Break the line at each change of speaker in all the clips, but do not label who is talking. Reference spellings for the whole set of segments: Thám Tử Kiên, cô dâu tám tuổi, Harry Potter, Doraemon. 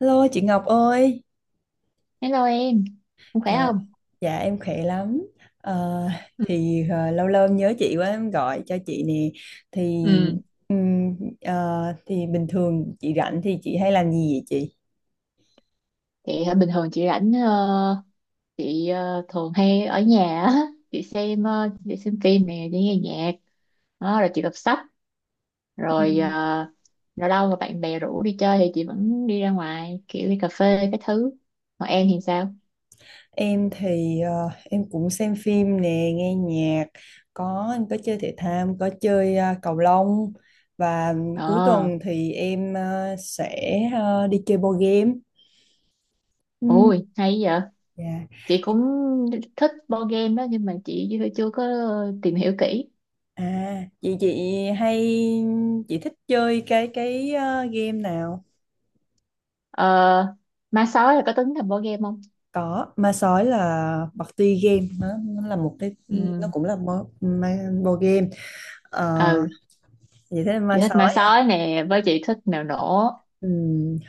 Hello chị Ngọc ơi,
Hello em, không khỏe
Trời,
không?
dạ em khỏe lắm. Ờ,
Ừ.
thì lâu lâu em nhớ chị quá em gọi cho chị nè. Thì
Ừ.
thì bình thường chị rảnh thì chị hay làm gì vậy chị?
Chị bình thường chị rảnh chị thường hay ở nhà á, chị xem chị xem phim nè, chị nghe nhạc, đó, rồi chị đọc sách,
Ừ.
rồi ờ, lâu lâu mà bạn bè rủ đi chơi thì chị vẫn đi ra ngoài kiểu đi cà phê cái thứ. Còn em thì sao?
Em thì em cũng xem phim nè, nghe nhạc, em có chơi thể thao, em có chơi cầu lông và cuối
Ờ,
tuần thì em sẽ đi chơi board game. Ừ,
ui hay vậy.
dạ.
Chị cũng thích board game đó nhưng mà chị chưa chưa có tìm hiểu kỹ.
À, vậy chị hay chị thích chơi cái game nào?
Ờ, ma sói là có tính là board game không?
Có, ma sói là party game nó là một cái nó cũng là board game. Ờ,
Ừ.
vậy thế
Chị
ma
thích ma
sói.
sói nè với chị thích mèo nổ.
Ừ,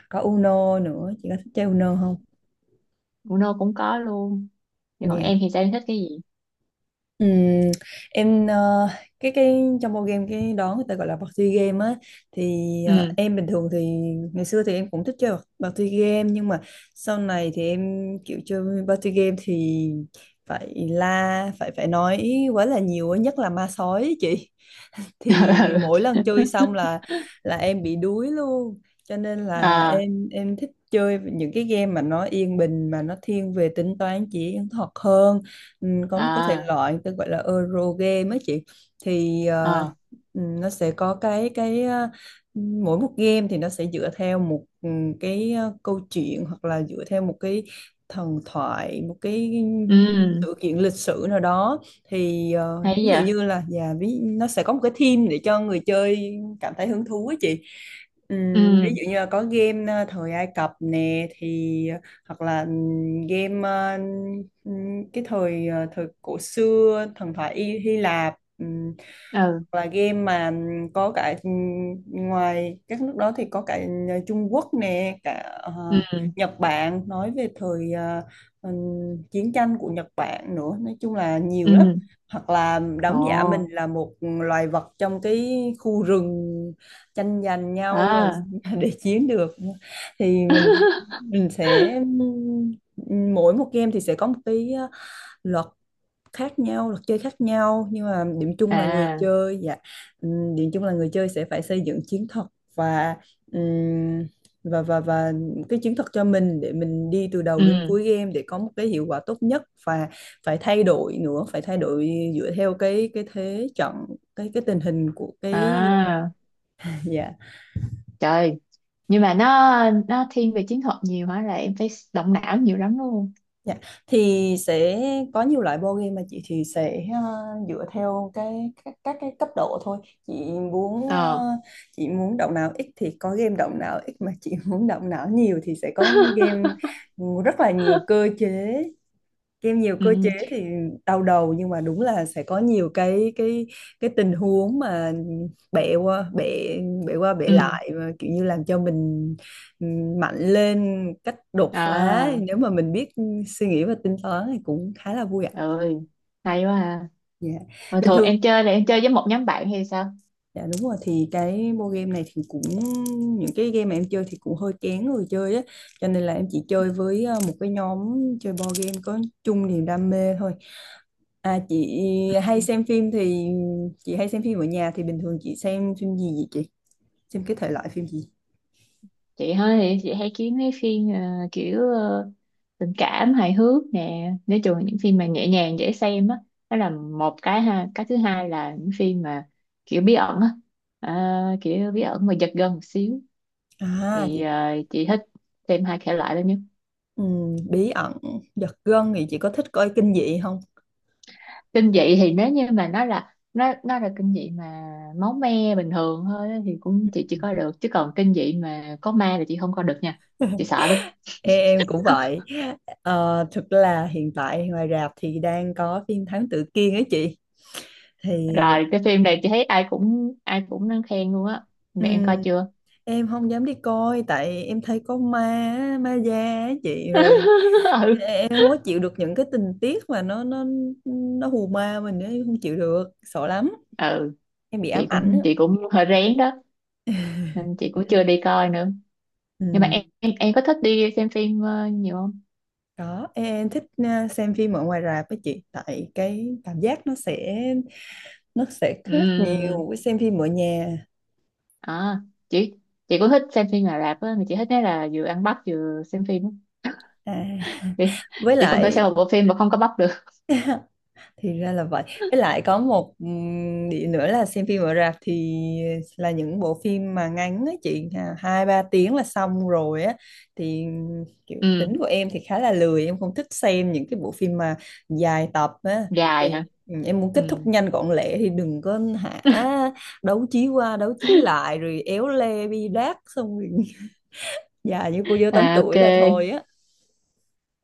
có Uno nữa, chị có thích chơi Uno không?
Uno nô cũng có luôn, vậy còn
Dạ.
em thì sao, em thích cái gì?
Ừm, em ờ, cái trong bộ game cái đó người ta gọi là party game á thì
Ừ.
em bình thường thì ngày xưa thì em cũng thích chơi party game nhưng mà sau này thì em kiểu chơi party game thì phải la phải phải nói quá là nhiều á, nhất là ma sói ấy chị thì mỗi lần chơi xong là em bị đuối luôn cho nên
Ừ.
là
À.
em thích chơi những cái game mà nó yên bình mà nó thiên về tính toán chỉ thuật hơn. Ừ, có một cái thể
À.
loại tôi gọi là Euro game ấy chị thì
À.
nó sẽ có cái mỗi một game thì nó sẽ dựa theo một câu chuyện hoặc là dựa theo một cái thần thoại, một cái
Ừ,
sự kiện lịch sử nào đó thì
hay
ví dụ
vậy.
như là dạ ví nó sẽ có một cái theme để cho người chơi cảm thấy hứng thú ấy chị. Ví
Ừ.
dụ như là có game thời Ai Cập nè thì hoặc là game cái thời thời cổ xưa thần thoại Y Hy Lạp,
Ừ.
hoặc là game mà có cả ngoài các nước đó thì có cả Trung Quốc nè, cả ờ,
Ừ.
Nhật Bản, nói về thời ừm, chiến tranh của Nhật Bản nữa, nói chung là nhiều lắm.
Ừ.
Hoặc là
Ồ.
đóng giả mình là một loài vật trong cái khu rừng tranh giành nhau làm
À.
để chiến được thì mình sẽ, mỗi một game thì sẽ có một cái luật khác nhau, luật chơi khác nhau, nhưng mà điểm chung là người
À.
chơi, điểm chung là người chơi sẽ phải xây dựng chiến thuật và ừm, và và và cái chiến thuật cho mình để mình đi từ đầu đến
Ừ.
cuối game để có một cái hiệu quả tốt nhất, và phải thay đổi nữa, phải thay đổi dựa theo cái thế trận, cái tình hình của cái,
À.
dạ.
Trời, nhưng mà nó thiên về chiến thuật nhiều hả, là em phải động não nhiều lắm luôn?
Dạ. Thì sẽ có nhiều loại board game mà chị thì sẽ dựa theo cái các cái cấp độ thôi. Chị muốn
Ờ.
chị muốn động não ít thì có game động não ít, mà chị muốn động não nhiều thì sẽ có game rất là nhiều cơ chế. Kim nhiều cơ chế
Ừ.
thì đau đầu, nhưng mà đúng là sẽ có nhiều cái tình huống mà bẻ qua bẻ bẻ qua bẻ
Ừ.
lại và kiểu như làm cho mình mạnh lên cách đột phá,
À.
nếu mà mình biết suy nghĩ và tính toán thì cũng khá là vui ạ.
Ơi, hay quá ha.
Dạ.
Mà
Bình
thường
thường
em chơi là em chơi với một nhóm bạn hay sao?
dạ đúng rồi, thì cái board game này thì cũng, những cái game mà em chơi thì cũng hơi kén người chơi á cho nên là em chỉ chơi với một cái nhóm chơi board game có chung niềm đam mê thôi. À chị hay xem phim thì chị hay xem phim ở nhà thì bình thường chị xem phim gì vậy chị, xem cái thể loại phim gì?
Chị hơi thì chị hay kiếm mấy phim kiểu ờ, tình cảm hài hước nè, nói chung là những phim mà nhẹ nhàng dễ xem á, đó là một cái ha. Cái thứ hai là những phim mà kiểu bí ẩn á, à, kiểu bí ẩn mà giật gân một xíu
À chị,
thì chị thích xem hai thể loại đó nhất.
bí ẩn giật gân thì chị có thích coi kinh dị không?
Kinh dị thì nếu như mà nó là nó là kinh dị mà máu me bình thường thôi á thì cũng chị chỉ coi được, chứ còn kinh dị mà có ma là chị không coi được nha. Chị sợ lắm.
Ê, em cũng vậy. Ờ, thực là hiện tại ngoài rạp thì đang có phim Thám Tử Kiên ấy chị. Thì
Rồi cái phim này chị thấy ai cũng đang khen luôn á,
ừ,
mẹ em coi chưa?
em không dám đi coi tại em thấy có ma á, ma da á chị, rồi
Ừ.
em không có chịu được những cái tình tiết mà nó hù ma mình ấy, em không chịu được, sợ lắm,
Ừ.
em bị ám
Chị
ảnh á.
cũng chị cũng hơi rén đó nên chị cũng chưa đi coi nữa.
Ừ.
Nhưng mà em có thích đi xem phim nhiều không?
Đó em thích xem phim ở ngoài rạp với chị tại cái cảm giác nó sẽ khác
Ừ.
nhiều với xem phim ở nhà.
À, chị chị cũng thích xem phim Ả Rập á, mà chị thích nói là vừa ăn bắp vừa xem phim á.
À.
chị,
Với
chị không thể
lại
xem một bộ phim mà không có bắp được.
thì ra là vậy, với lại có một điểm nữa là xem phim ở rạp thì là những bộ phim mà ngắn á chị à, hai ba tiếng là xong rồi á, thì kiểu
Ừ,
tính của em thì khá là lười, em không thích xem những cái bộ phim mà dài tập á.
dài
Thì
hả.
ừ, em muốn kết thúc
Ừ.
nhanh gọn lẹ thì đừng có hả đấu trí qua đấu trí lại rồi éo le bi đát xong rồi già như cô dâu tám
À,
tuổi
ok,
là thôi á.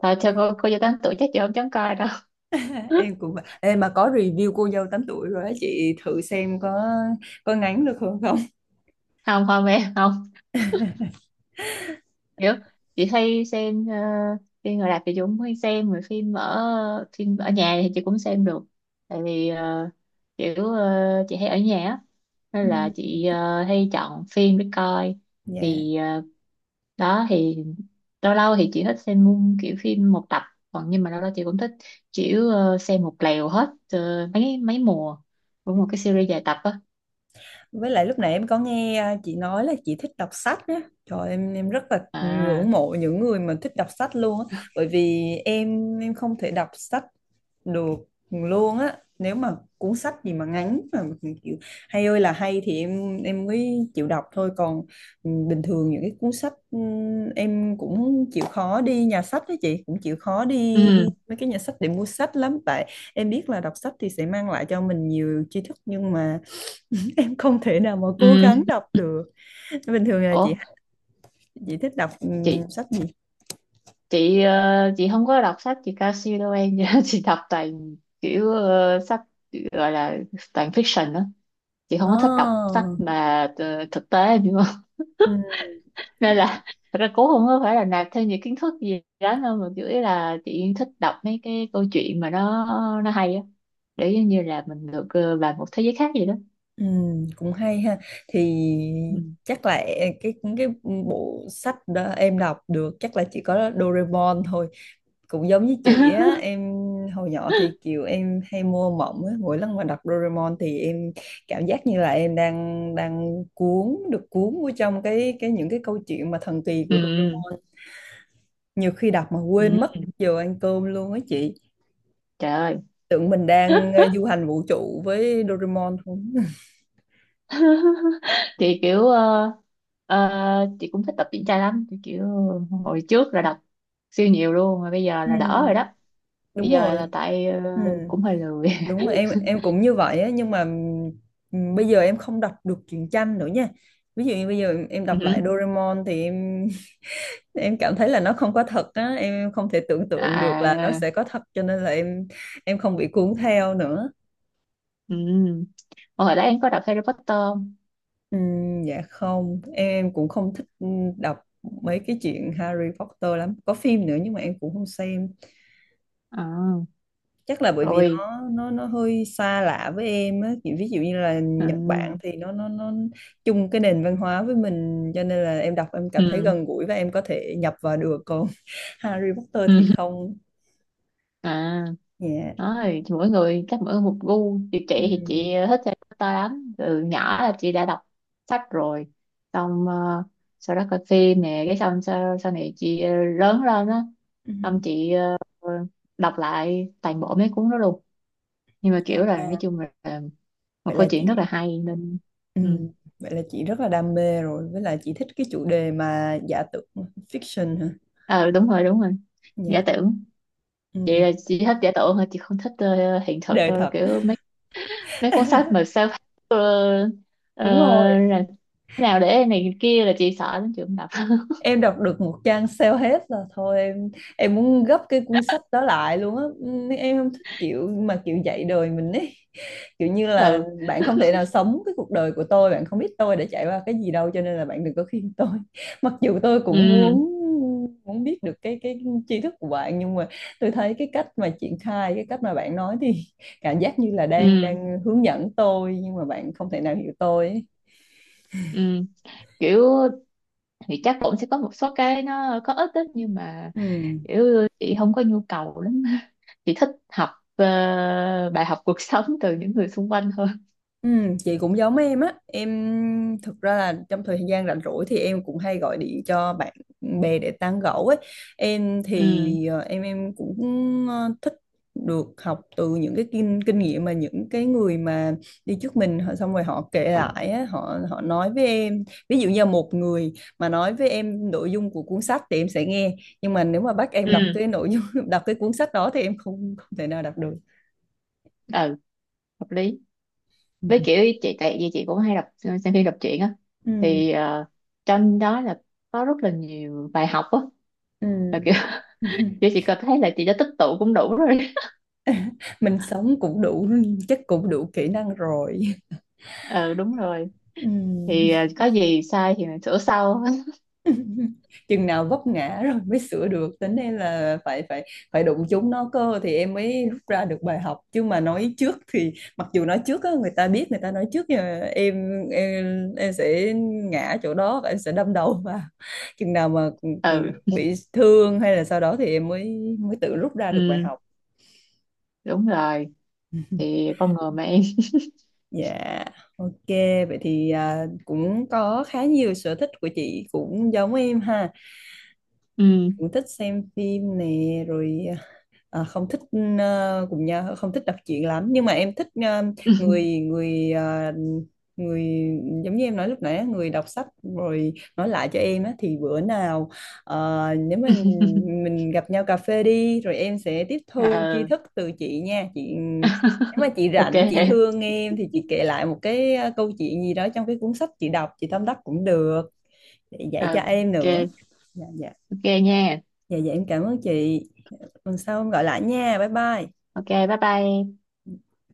thôi cho cô vô tám tuổi chắc chị không dám coi đâu.
Em cũng vậy. Ê, mà có review cô dâu tám tuổi rồi á chị, thử xem có ngắn được không không.
Không không, em không hiểu. Chị hay xem phim người Đạp thì chị cũng hay xem, rồi phim ở nhà thì chị cũng xem được, tại vì chị hay ở nhà á
Ừ.
nên là chị hay chọn phim để coi.
Dạ.
thì ờ, đó thì lâu lâu thì chị thích xem mung kiểu phim một tập, còn nhưng mà lâu lâu chị cũng thích kiểu xem một lèo hết mấy mấy mùa của một cái series dài tập á.
Với lại lúc nãy em có nghe à, chị nói là chị thích đọc sách á. Trời, em rất là
À.
ngưỡng mộ những người mà thích đọc sách luôn á, bởi vì em không thể đọc sách được luôn á. Nếu mà cuốn sách gì mà ngắn mà kiểu hay ơi là hay thì em mới chịu đọc thôi, còn ừ, bình thường những cái cuốn sách ừ, em cũng chịu khó đi nhà sách đó chị, cũng chịu khó đi
Ừ.
mấy cái nhà sách để mua sách lắm, tại em biết là đọc sách thì sẽ mang lại cho mình nhiều tri thức, nhưng mà em không thể nào mà cố gắng
Ừ.
đọc được. Bình thường là
Ủa,
chị thích đọc
chị
sách gì?
chị chị không có đọc sách chị cao siêu đâu em. Chị đọc toàn kiểu sách gọi là toàn fiction đó, chị không có thích đọc
À,
sách mà thực tế nhưng
ừm,
nên là thật ra cũng không có phải là nạp thêm những kiến thức gì đó đâu, mà chủ yếu là chị thích đọc mấy cái câu chuyện mà nó hay á, để giống như là mình được vào một thế giới khác gì đó.
cũng hay ha. Thì
Ừ.
chắc là cái bộ sách đó em đọc được chắc là chỉ có Doraemon thôi, cũng giống như chị á. Em hồi nhỏ thì kiểu em hay mua mộng á, mỗi lần mà đọc Doraemon thì em cảm giác như là em đang đang cuốn được, cuốn vô trong cái những cái câu chuyện mà thần kỳ của
Ừ.
Doraemon, nhiều khi đọc mà
Ừ.
quên mất giờ ăn cơm luôn á chị,
Trời ơi.
tưởng mình đang du hành vũ trụ với Doraemon không.
Thì kiểu ờ, chị cũng thích tập truyện tranh lắm, thì kiểu hồi trước là đọc siêu nhiều luôn, mà bây giờ là đỡ rồi
Ừ,
đó. Bây
đúng
giờ
rồi.
là tại
Ừ,
cũng hơi lười.
đúng rồi, em cũng như vậy á, nhưng mà bây giờ em không đọc được truyện tranh nữa nha. Ví dụ như bây giờ em
Ừ.
đọc lại Doraemon thì em em cảm thấy là nó không có thật á, em không thể tưởng tượng được là nó
À.
sẽ có thật, cho nên là em không bị cuốn theo nữa.
Ừ. Hồi đó em có đọc Harry Potter không?
Dạ không, em cũng không thích đọc mấy cái chuyện Harry Potter lắm. Có phim nữa nhưng mà em cũng không xem.
À,
Chắc là bởi vì
rồi.
nó hơi xa lạ với em á. Kiểu ví dụ như là
Ừ.
Nhật Bản thì nó chung cái nền văn hóa với mình cho nên là em đọc em cảm thấy
Ừ.
gần gũi và em có thể nhập vào được. Còn Harry Potter thì
Ừ.
không.
À,
Dạ.
nói thì mỗi người chắc mỗi một gu, chị thì chị
Ừm,
thích Harry Potter lắm, từ nhỏ là chị đã đọc sách rồi, xong sau đó coi phim nè, cái xong sau này chị lớn lên á,
ừm.
xong chị đọc lại toàn bộ mấy cuốn đó luôn, nhưng mà
À,
kiểu là nói
à,
chung là một
Vậy
câu
là
chuyện rất là
chị,
hay nên ừ.
ừm, vậy là chị rất là đam mê rồi, với lại chị thích cái chủ đề mà giả tưởng fiction hả?
Ờ đúng rồi đúng rồi,
Dạ.
giả tưởng. Chị
Ừ.
là chị thích giả tưởng thôi, chị không thích hiện thực
Đời
đâu,
thật.
kiểu mấy cuốn sách mà self ờ, ờ,
Đúng rồi,
là thế nào để này kia là chị sợ lắm, chị không đọc.
em đọc được một trang sale hết là thôi, em muốn gấp cái cuốn sách đó lại luôn á. Ừ, em không thích kiểu mà kiểu dạy đời mình ấy. Kiểu như là
Ừ.
bạn không thể nào sống cái cuộc đời của tôi, bạn không biết tôi đã trải qua cái gì đâu, cho nên là bạn đừng có khuyên tôi. Mặc dù tôi cũng
Ừ.
muốn muốn biết được cái tri thức của bạn, nhưng mà tôi thấy cái cách mà triển khai, cái cách mà bạn nói thì cảm giác như là đang
Ừ.
đang hướng dẫn tôi nhưng mà bạn không thể nào hiểu tôi ấy.
Ừ. Kiểu thì chắc cũng sẽ có một số cái nó có ích đó, nhưng mà
Ừ.
kiểu chị không có nhu cầu lắm. Chị thích học ờ, bài học cuộc sống từ những người xung quanh hơn.
Ừ, chị cũng giống em á. Em thực ra là trong thời gian rảnh rỗi thì em cũng hay gọi điện cho bạn bè để tán gẫu ấy. Em
Ừ.
thì em cũng thích được học từ những cái kinh kinh nghiệm mà những cái người mà đi trước mình họ, xong rồi họ kể lại á, họ họ nói với em. Ví dụ như một người mà nói với em nội dung của cuốn sách thì em sẽ nghe, nhưng mà nếu mà bắt em đọc cái
Ừ.
nội dung đọc cái cuốn sách đó thì em không không thể nào đọc được.
Ừ. Hợp lý,
Ừ.
với kiểu chị tại vì chị cũng hay đọc xem phim đọc truyện á, thì trong đó là có rất là nhiều bài học á.
Ừ.
Mà kiểu
Ừ.
kiểu chị cực thấy là chị đã tích tụ cũng đủ rồi.
Mình sống cũng đủ, chắc cũng đủ kỹ năng rồi.
Ừ, đúng rồi,
Ừm,
thì có gì sai thì mình sửa sau.
chừng nào vấp ngã rồi mới sửa được tính đây là phải phải phải đụng chúng nó cơ thì em mới rút ra được bài học, chứ mà nói trước thì mặc dù nói trước á, người ta biết người ta nói trước nhưng em sẽ ngã chỗ đó và em sẽ đâm đầu vào. Chừng nào mà ừ,
Ừ.
bị thương hay là sau đó thì em mới mới tự rút ra được bài
Ừ,
học.
đúng rồi, thì con người mà em.
Dạ. Ok, vậy thì à, cũng có khá nhiều sở thích của chị cũng giống em ha.
Ừ.
Cũng thích xem phim nè, rồi à, không thích cũng nha, không thích đọc truyện lắm nhưng mà em thích ờ, người người ờ, người giống như em nói lúc nãy á, người đọc sách rồi nói lại cho em á thì bữa nào nếu mình gặp nhau cà phê đi rồi em sẽ tiếp thu tri
Ừ.
thức từ chị nha chị, nếu mà chị
Ok.
rảnh chị thương em thì chị kể lại một cái câu chuyện gì đó trong cái cuốn sách chị đọc chị tâm đắc cũng được, để dạy cho
Ừ.
em nữa.
Ok.
Dạ Dạ.
Ok nha.
Dạ em cảm ơn chị, tuần sau gọi lại nha, bye bye.
Ok bye bye.